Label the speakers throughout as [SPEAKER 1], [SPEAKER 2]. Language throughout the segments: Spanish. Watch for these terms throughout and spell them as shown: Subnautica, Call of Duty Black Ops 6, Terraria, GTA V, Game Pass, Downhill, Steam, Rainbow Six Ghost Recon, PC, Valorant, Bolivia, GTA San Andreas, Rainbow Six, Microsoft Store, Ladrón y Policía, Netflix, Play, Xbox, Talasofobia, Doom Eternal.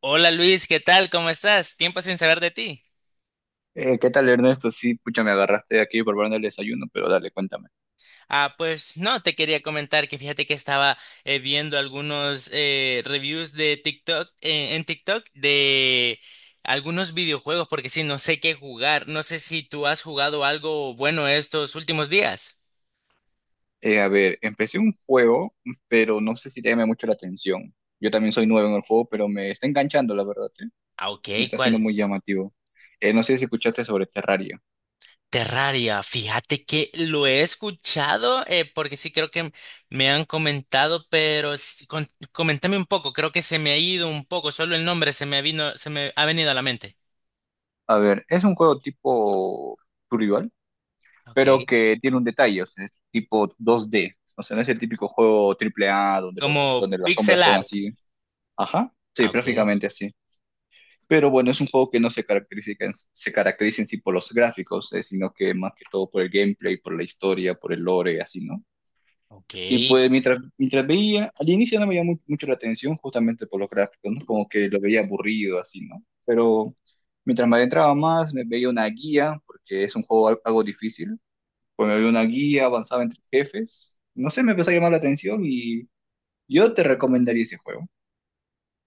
[SPEAKER 1] Hola Luis, ¿qué tal? ¿Cómo estás? Tiempo sin saber de ti.
[SPEAKER 2] ¿Qué tal, Ernesto? Sí, pucha, me agarraste aquí por preparando el desayuno, pero dale, cuéntame.
[SPEAKER 1] Ah, pues no, te quería comentar que fíjate que estaba viendo algunos reviews de TikTok en TikTok de algunos videojuegos porque sí, no sé qué jugar. No sé si tú has jugado algo bueno estos últimos días.
[SPEAKER 2] A ver, empecé un juego, pero no sé si te llama mucho la atención. Yo también soy nuevo en el juego, pero me está enganchando, la verdad, ¿eh?
[SPEAKER 1] Ah, ok,
[SPEAKER 2] Me está haciendo
[SPEAKER 1] ¿cuál?
[SPEAKER 2] muy llamativo. No sé si escuchaste sobre Terraria.
[SPEAKER 1] Terraria, fíjate que lo he escuchado, porque sí creo que me han comentado, pero coméntame un poco, creo que se me ha ido un poco, solo el nombre se me vino, se me ha venido a la mente.
[SPEAKER 2] A ver, es un juego tipo survival, pero
[SPEAKER 1] Okay.
[SPEAKER 2] que tiene un detalle, o sea, es tipo 2D. O sea, no es el típico juego AAA donde, los
[SPEAKER 1] Como
[SPEAKER 2] donde las sombras
[SPEAKER 1] pixel
[SPEAKER 2] son
[SPEAKER 1] art.
[SPEAKER 2] así. Ajá, sí,
[SPEAKER 1] Ah, ok.
[SPEAKER 2] prácticamente así. Pero bueno, es un juego que no se caracteriza, se caracteriza en sí por los gráficos, sino que más que todo por el gameplay, por la historia, por el lore, así, ¿no?
[SPEAKER 1] Ok.
[SPEAKER 2] Y pues mientras veía, al inicio no me llamó mucho la atención justamente por los gráficos, ¿no? Como que lo veía aburrido, así, ¿no? Pero mientras me adentraba más, me veía una guía, porque es un juego algo difícil. Pues me veía una guía, avanzaba entre jefes. No sé, me empezó a llamar la atención y yo te recomendaría ese juego.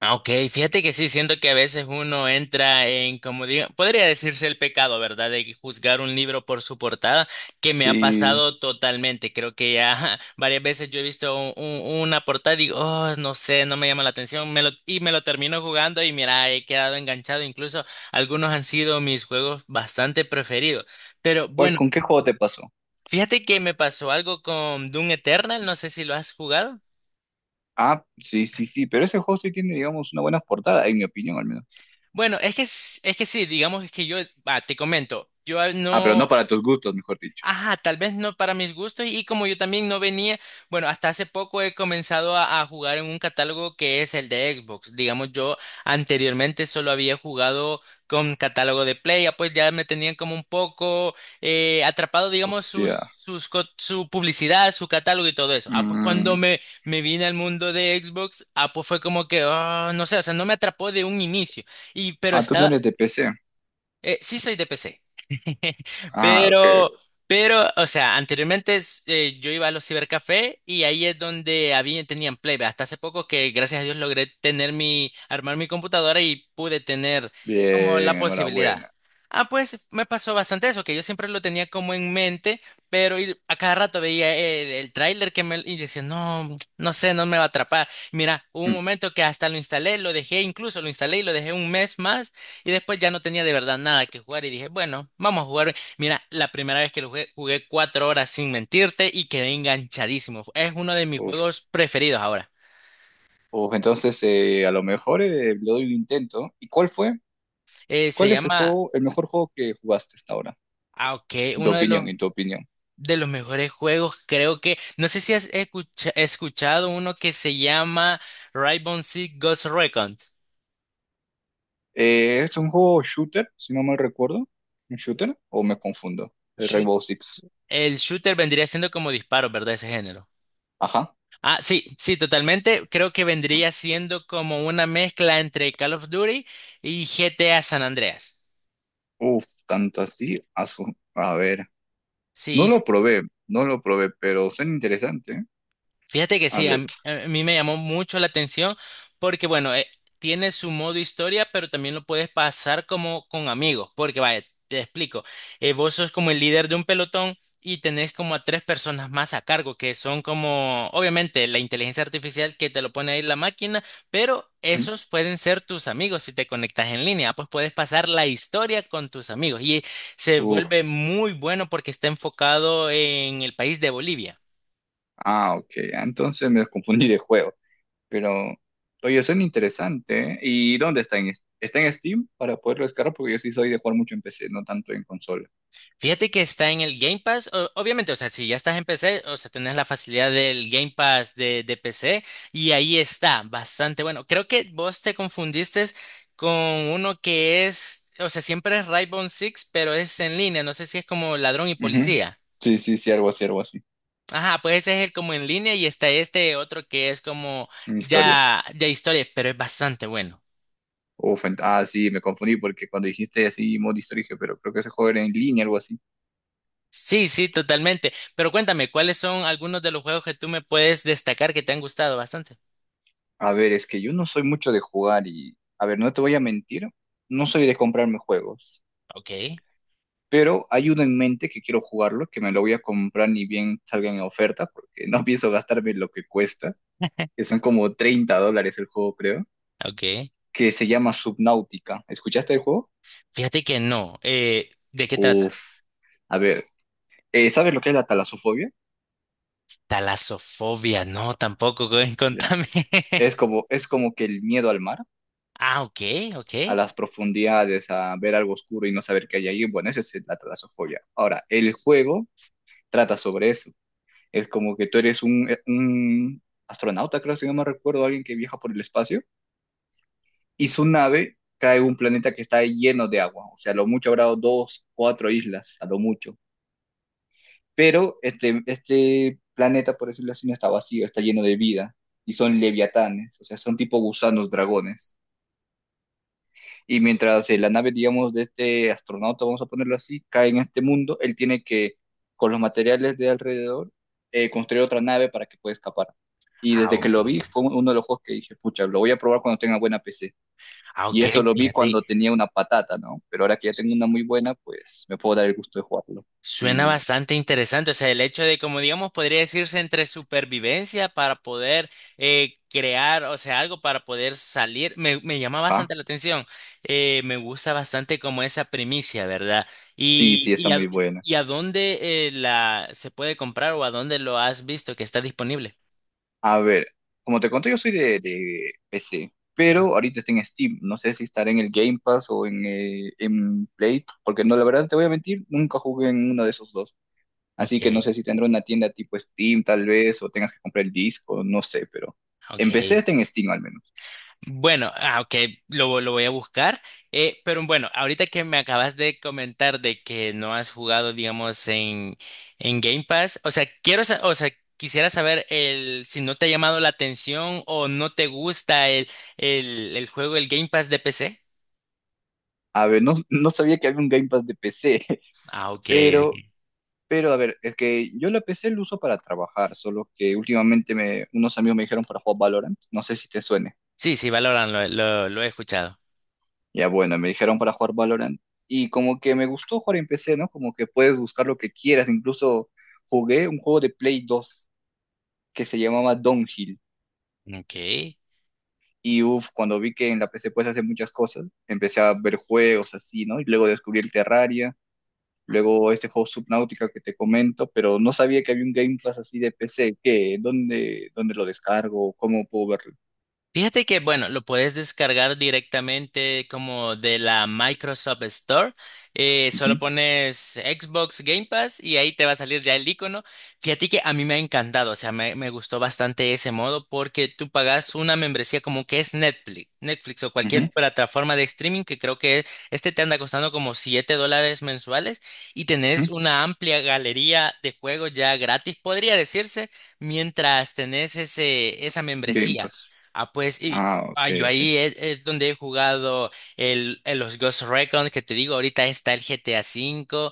[SPEAKER 1] Ah, ok, fíjate que sí, siento que a veces uno entra en, como digo, podría decirse el pecado, ¿verdad? De juzgar un libro por su portada, que me ha
[SPEAKER 2] Sí.
[SPEAKER 1] pasado totalmente. Creo que ya varias veces yo he visto una portada y digo, oh, no sé, no me llama la atención, me lo, y me lo termino jugando y mira, he quedado enganchado. Incluso algunos han sido mis juegos bastante preferidos. Pero
[SPEAKER 2] ¿Cuál,
[SPEAKER 1] bueno,
[SPEAKER 2] con qué juego te pasó?
[SPEAKER 1] fíjate que me pasó algo con Doom Eternal, no sé si lo has jugado.
[SPEAKER 2] Ah, sí, sí, sí, pero ese juego sí tiene, digamos, una buena portada, en mi opinión al menos.
[SPEAKER 1] Bueno, es que, es que sí, digamos es que yo, va, te comento, yo
[SPEAKER 2] Ah, pero
[SPEAKER 1] no,
[SPEAKER 2] no para tus gustos, mejor dicho.
[SPEAKER 1] ajá, tal vez no para mis gustos y como yo también no venía, bueno, hasta hace poco he comenzado a, jugar en un catálogo que es el de Xbox. Digamos, yo anteriormente solo había jugado con catálogo de Play, ya pues ya me tenían como un poco atrapado, digamos,
[SPEAKER 2] Hostia.
[SPEAKER 1] su publicidad, su catálogo y todo eso. Ah, pues cuando
[SPEAKER 2] Mm,
[SPEAKER 1] me vine al mundo de Xbox, ah, pues fue como que, ah, no sé, o sea, no me atrapó de un inicio. Y pero
[SPEAKER 2] ah, tú no
[SPEAKER 1] estaba,
[SPEAKER 2] eres de PC.
[SPEAKER 1] sí soy de PC,
[SPEAKER 2] Ah, ok.
[SPEAKER 1] pero, pero, o sea, anteriormente es, yo iba a los cibercafé y ahí es donde había, tenían play. Hasta hace poco que gracias a Dios logré tener mi, armar mi computadora y pude tener como
[SPEAKER 2] Bien,
[SPEAKER 1] la posibilidad.
[SPEAKER 2] enhorabuena.
[SPEAKER 1] Ah, pues me pasó bastante eso, que yo siempre lo tenía como en mente, pero y a cada rato veía el, tráiler que me y decía, no, no sé, no me va a atrapar. Mira, hubo un
[SPEAKER 2] Mm.
[SPEAKER 1] momento que hasta lo instalé, lo dejé, incluso lo instalé y lo dejé un mes más y después ya no tenía de verdad nada que jugar y dije, bueno, vamos a jugar. Mira, la primera vez que lo jugué, jugué 4 horas sin mentirte y quedé enganchadísimo. Es uno de mis
[SPEAKER 2] Uf.
[SPEAKER 1] juegos preferidos ahora.
[SPEAKER 2] Uf, entonces a lo mejor le doy un intento. ¿Y cuál fue?
[SPEAKER 1] Eh, se
[SPEAKER 2] ¿Cuál es el
[SPEAKER 1] llama,
[SPEAKER 2] juego, el mejor juego que jugaste hasta ahora?
[SPEAKER 1] ah, ok,
[SPEAKER 2] En tu
[SPEAKER 1] uno de los,
[SPEAKER 2] opinión, en tu opinión.
[SPEAKER 1] de los mejores juegos, creo que, no sé si escuchado uno que se llama Rainbow Six Ghost Recon.
[SPEAKER 2] ¿Es un juego shooter, si no mal recuerdo? ¿Un shooter? ¿O me confundo? El
[SPEAKER 1] Shoot-
[SPEAKER 2] Rainbow Six.
[SPEAKER 1] el shooter vendría siendo como disparos, ¿verdad? Ese género.
[SPEAKER 2] Ajá.
[SPEAKER 1] Ah, sí, sí, totalmente. Creo que vendría siendo como una mezcla entre Call of Duty y GTA San Andreas.
[SPEAKER 2] Uf, tanto así. A ver.
[SPEAKER 1] Sí,
[SPEAKER 2] No lo probé, no lo probé, pero suena interesante. ¿Eh?
[SPEAKER 1] fíjate que
[SPEAKER 2] A
[SPEAKER 1] sí, a
[SPEAKER 2] ver.
[SPEAKER 1] mí, a mí me llamó mucho la atención porque, bueno, tiene su modo historia, pero también lo puedes pasar como con amigos, porque, vaya, te explico, vos sos como el líder de un pelotón y tenés como a tres personas más a cargo, que son como, obviamente, la inteligencia artificial que te lo pone ahí la máquina, pero
[SPEAKER 2] Ujú.
[SPEAKER 1] esos pueden ser tus amigos si te conectas en línea, pues puedes pasar la historia con tus amigos y se
[SPEAKER 2] Uf,
[SPEAKER 1] vuelve muy bueno porque está enfocado en el país de Bolivia.
[SPEAKER 2] ah, ok. Entonces me confundí de juego. Pero, oye, suena interesante. ¿Eh? ¿Y dónde está está en Steam para poderlo descargar? Porque yo sí soy de jugar mucho en PC, no tanto en consola.
[SPEAKER 1] Fíjate que está en el Game Pass. O obviamente, o sea, si ya estás en PC, o sea, tenés la facilidad del Game Pass de PC y ahí está, bastante bueno. Creo que vos te confundiste con uno que es, o sea, siempre es Rainbow Six, pero es en línea. No sé si es como Ladrón y
[SPEAKER 2] Ujú.
[SPEAKER 1] Policía.
[SPEAKER 2] Sí, sí, sí, algo así, algo así.
[SPEAKER 1] Ajá, pues ese es el como en línea y está este otro que es como
[SPEAKER 2] En historia.
[SPEAKER 1] ya, ya historia, pero es bastante bueno.
[SPEAKER 2] Uf, ah, sí, me confundí porque cuando dijiste así modo historia, dije, pero creo que ese juego era en línea, algo así.
[SPEAKER 1] Sí, sí, totalmente. Pero cuéntame, ¿cuáles son algunos de los juegos que tú me puedes destacar que te han gustado bastante?
[SPEAKER 2] A ver, es que yo no soy mucho de jugar y, a ver, no te voy a mentir, no soy de comprarme juegos.
[SPEAKER 1] Ok.
[SPEAKER 2] Pero hay uno en mente que quiero jugarlo, que me lo voy a comprar ni bien salga en oferta, porque no pienso gastarme lo que cuesta, que son como $30 el juego, creo,
[SPEAKER 1] Okay.
[SPEAKER 2] que se llama Subnautica. ¿Escuchaste el juego?
[SPEAKER 1] Fíjate que no. ¿De qué
[SPEAKER 2] Uf,
[SPEAKER 1] trata?
[SPEAKER 2] a ver, ¿sabes lo que es la talasofobia?
[SPEAKER 1] Talasofobia, no, tampoco, güey,
[SPEAKER 2] Ya.
[SPEAKER 1] contame.
[SPEAKER 2] Es como que el miedo al mar,
[SPEAKER 1] Ah, ok, ok.
[SPEAKER 2] a las profundidades, a ver algo oscuro y no saber qué hay ahí. Bueno, esa es la talasofobia. Ahora, el juego trata sobre eso. Es como que tú eres un astronauta, creo, si no me recuerdo, alguien que viaja por el espacio y su nave cae en un planeta que está lleno de agua, o sea, a lo mucho habrá dos, cuatro islas, a lo mucho. Pero este planeta, por decirlo así, no está vacío, está lleno de vida y son leviatanes, o sea, son tipo gusanos, dragones. Y mientras la nave, digamos, de este astronauta, vamos a ponerlo así, cae en este mundo, él tiene que, con los materiales de alrededor, construir otra nave para que pueda escapar. Y
[SPEAKER 1] Ah,
[SPEAKER 2] desde que
[SPEAKER 1] ok.
[SPEAKER 2] lo vi, fue uno de los juegos que dije, pucha, lo voy a probar cuando tenga buena PC.
[SPEAKER 1] Ah,
[SPEAKER 2] Y
[SPEAKER 1] ok,
[SPEAKER 2] eso lo vi
[SPEAKER 1] fíjate.
[SPEAKER 2] cuando tenía una patata, ¿no? Pero ahora que ya tengo una muy buena, pues me puedo dar el gusto de jugarlo.
[SPEAKER 1] Suena
[SPEAKER 2] Sí,
[SPEAKER 1] bastante interesante, o sea, el hecho de, como digamos, podría decirse entre supervivencia para poder crear, o sea, algo para poder salir, me, llama bastante
[SPEAKER 2] ajá.
[SPEAKER 1] la atención. Me gusta bastante como esa primicia, ¿verdad?
[SPEAKER 2] Sí,
[SPEAKER 1] Y,
[SPEAKER 2] sí, está
[SPEAKER 1] y, a,
[SPEAKER 2] muy buena.
[SPEAKER 1] y a dónde la se puede comprar o a dónde lo has visto que está disponible.
[SPEAKER 2] A ver, como te conté, yo soy de, PC,
[SPEAKER 1] No.
[SPEAKER 2] pero ahorita está en Steam. No sé si estará en el Game Pass o en Play, porque no, la verdad te voy a mentir, nunca jugué en uno de esos dos.
[SPEAKER 1] Ok,
[SPEAKER 2] Así que no sé si tendrá una tienda tipo Steam, tal vez, o tengas que comprar el disco, no sé, pero
[SPEAKER 1] ok.
[SPEAKER 2] en PC está en Steam al menos.
[SPEAKER 1] Bueno, ah, ok, lo, voy a buscar. Pero bueno, ahorita que me acabas de comentar de que no has jugado, digamos, en Game Pass, o sea, quiero, o sea, quisiera saber si no te ha llamado la atención o no te gusta el, juego, el Game Pass de PC.
[SPEAKER 2] A ver, no, no sabía que había un Game Pass de PC,
[SPEAKER 1] Ah, ok.
[SPEAKER 2] pero Pero a ver, es que yo la PC la uso para trabajar, solo que últimamente unos amigos me dijeron para jugar Valorant, no sé si te suene.
[SPEAKER 1] Sí, sí, Valorant, lo he escuchado.
[SPEAKER 2] Ya bueno, me dijeron para jugar Valorant y como que me gustó jugar en PC, ¿no? Como que puedes buscar lo que quieras, incluso jugué un juego de Play 2 que se llamaba Downhill
[SPEAKER 1] Ok.
[SPEAKER 2] y uff, cuando vi que en la PC puedes hacer muchas cosas, empecé a ver juegos así, ¿no? Y luego descubrí el Terraria. Luego este juego Subnautica que te comento, pero no sabía que había un Game Pass así de PC. ¿Qué? ¿Dónde lo descargo? ¿Cómo puedo verlo?
[SPEAKER 1] Fíjate que, bueno, lo puedes descargar directamente como de la Microsoft Store. Solo
[SPEAKER 2] Ujú,
[SPEAKER 1] pones Xbox Game Pass y ahí te va a salir ya el icono. Fíjate que a mí me ha encantado, o sea, me gustó bastante ese modo porque tú pagas una membresía como que es Netflix, Netflix o
[SPEAKER 2] ujú,
[SPEAKER 1] cualquier plataforma de streaming que creo que este te anda costando como $7 mensuales y tenés
[SPEAKER 2] ujú.
[SPEAKER 1] una amplia galería de juegos ya gratis, podría decirse, mientras tenés ese, esa
[SPEAKER 2] Game
[SPEAKER 1] membresía.
[SPEAKER 2] Pass.
[SPEAKER 1] Ah, pues, y
[SPEAKER 2] Ah, ok,
[SPEAKER 1] ah, yo
[SPEAKER 2] ok.
[SPEAKER 1] ahí es, donde he jugado el, los Ghost Recon, que te digo, ahorita está el GTA V,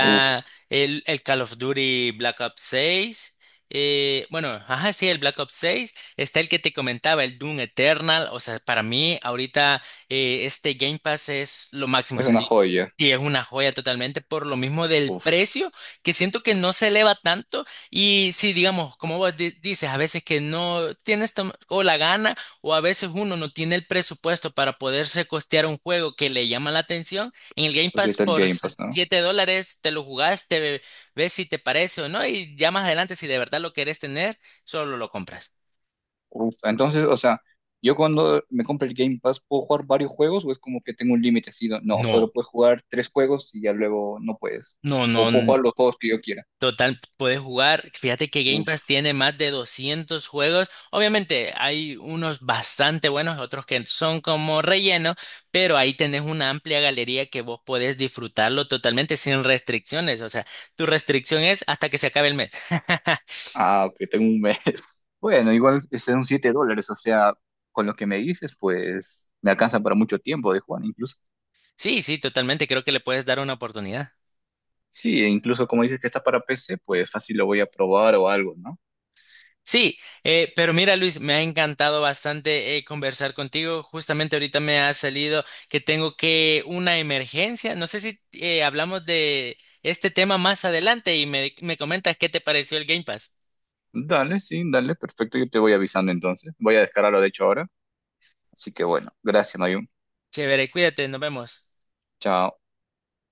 [SPEAKER 2] Uf,
[SPEAKER 1] el Call of Duty Black Ops 6, bueno, ajá, sí, el Black Ops 6, está el que te comentaba, el Doom Eternal, o sea, para mí ahorita este Game Pass es lo máximo, o
[SPEAKER 2] es
[SPEAKER 1] sea,
[SPEAKER 2] una
[SPEAKER 1] y
[SPEAKER 2] joya.
[SPEAKER 1] y es una joya totalmente por lo mismo del
[SPEAKER 2] Uf,
[SPEAKER 1] precio, que siento que no se eleva tanto. Y sí, digamos, como vos dices, a veces que no tienes o la gana o a veces uno no tiene el presupuesto para poderse costear un juego que le llama la atención. En el Game
[SPEAKER 2] pues ahí
[SPEAKER 1] Pass
[SPEAKER 2] está el
[SPEAKER 1] por
[SPEAKER 2] Game Pass, ¿no?
[SPEAKER 1] $7 te lo jugaste, ves si te parece o no y ya más adelante si de verdad lo querés tener, solo lo compras.
[SPEAKER 2] Uf, entonces, o sea, yo cuando me compro el Game Pass, ¿puedo jugar varios juegos o es como que tengo un límite así? No, no,
[SPEAKER 1] No,
[SPEAKER 2] solo puedes jugar tres juegos y ya luego no puedes.
[SPEAKER 1] no, no.
[SPEAKER 2] O puedo jugar los juegos que yo quiera.
[SPEAKER 1] Total, puedes jugar. Fíjate que Game Pass tiene más de 200 juegos. Obviamente hay unos bastante buenos, otros que son como relleno, pero ahí tenés una amplia galería que vos podés disfrutarlo totalmente sin restricciones. O sea, tu restricción es hasta que se acabe el mes.
[SPEAKER 2] Ah, ok, tengo un mes. Bueno, igual son $7, o sea, con lo que me dices, pues me alcanza para mucho tiempo de Juan, incluso.
[SPEAKER 1] Sí, sí, totalmente. Creo que le puedes dar una oportunidad.
[SPEAKER 2] Sí, e incluso como dices que está para PC, pues fácil lo voy a probar o algo, ¿no?
[SPEAKER 1] Sí, pero mira Luis, me ha encantado bastante conversar contigo. Justamente ahorita me ha salido que tengo que una emergencia. No sé si hablamos de este tema más adelante y me, comentas qué te pareció el Game Pass.
[SPEAKER 2] Dale, sí, dale, perfecto, yo te voy avisando entonces. Voy a descargarlo, de hecho, ahora. Así que bueno, gracias, Mayun.
[SPEAKER 1] Chévere, cuídate, nos vemos.
[SPEAKER 2] Chao.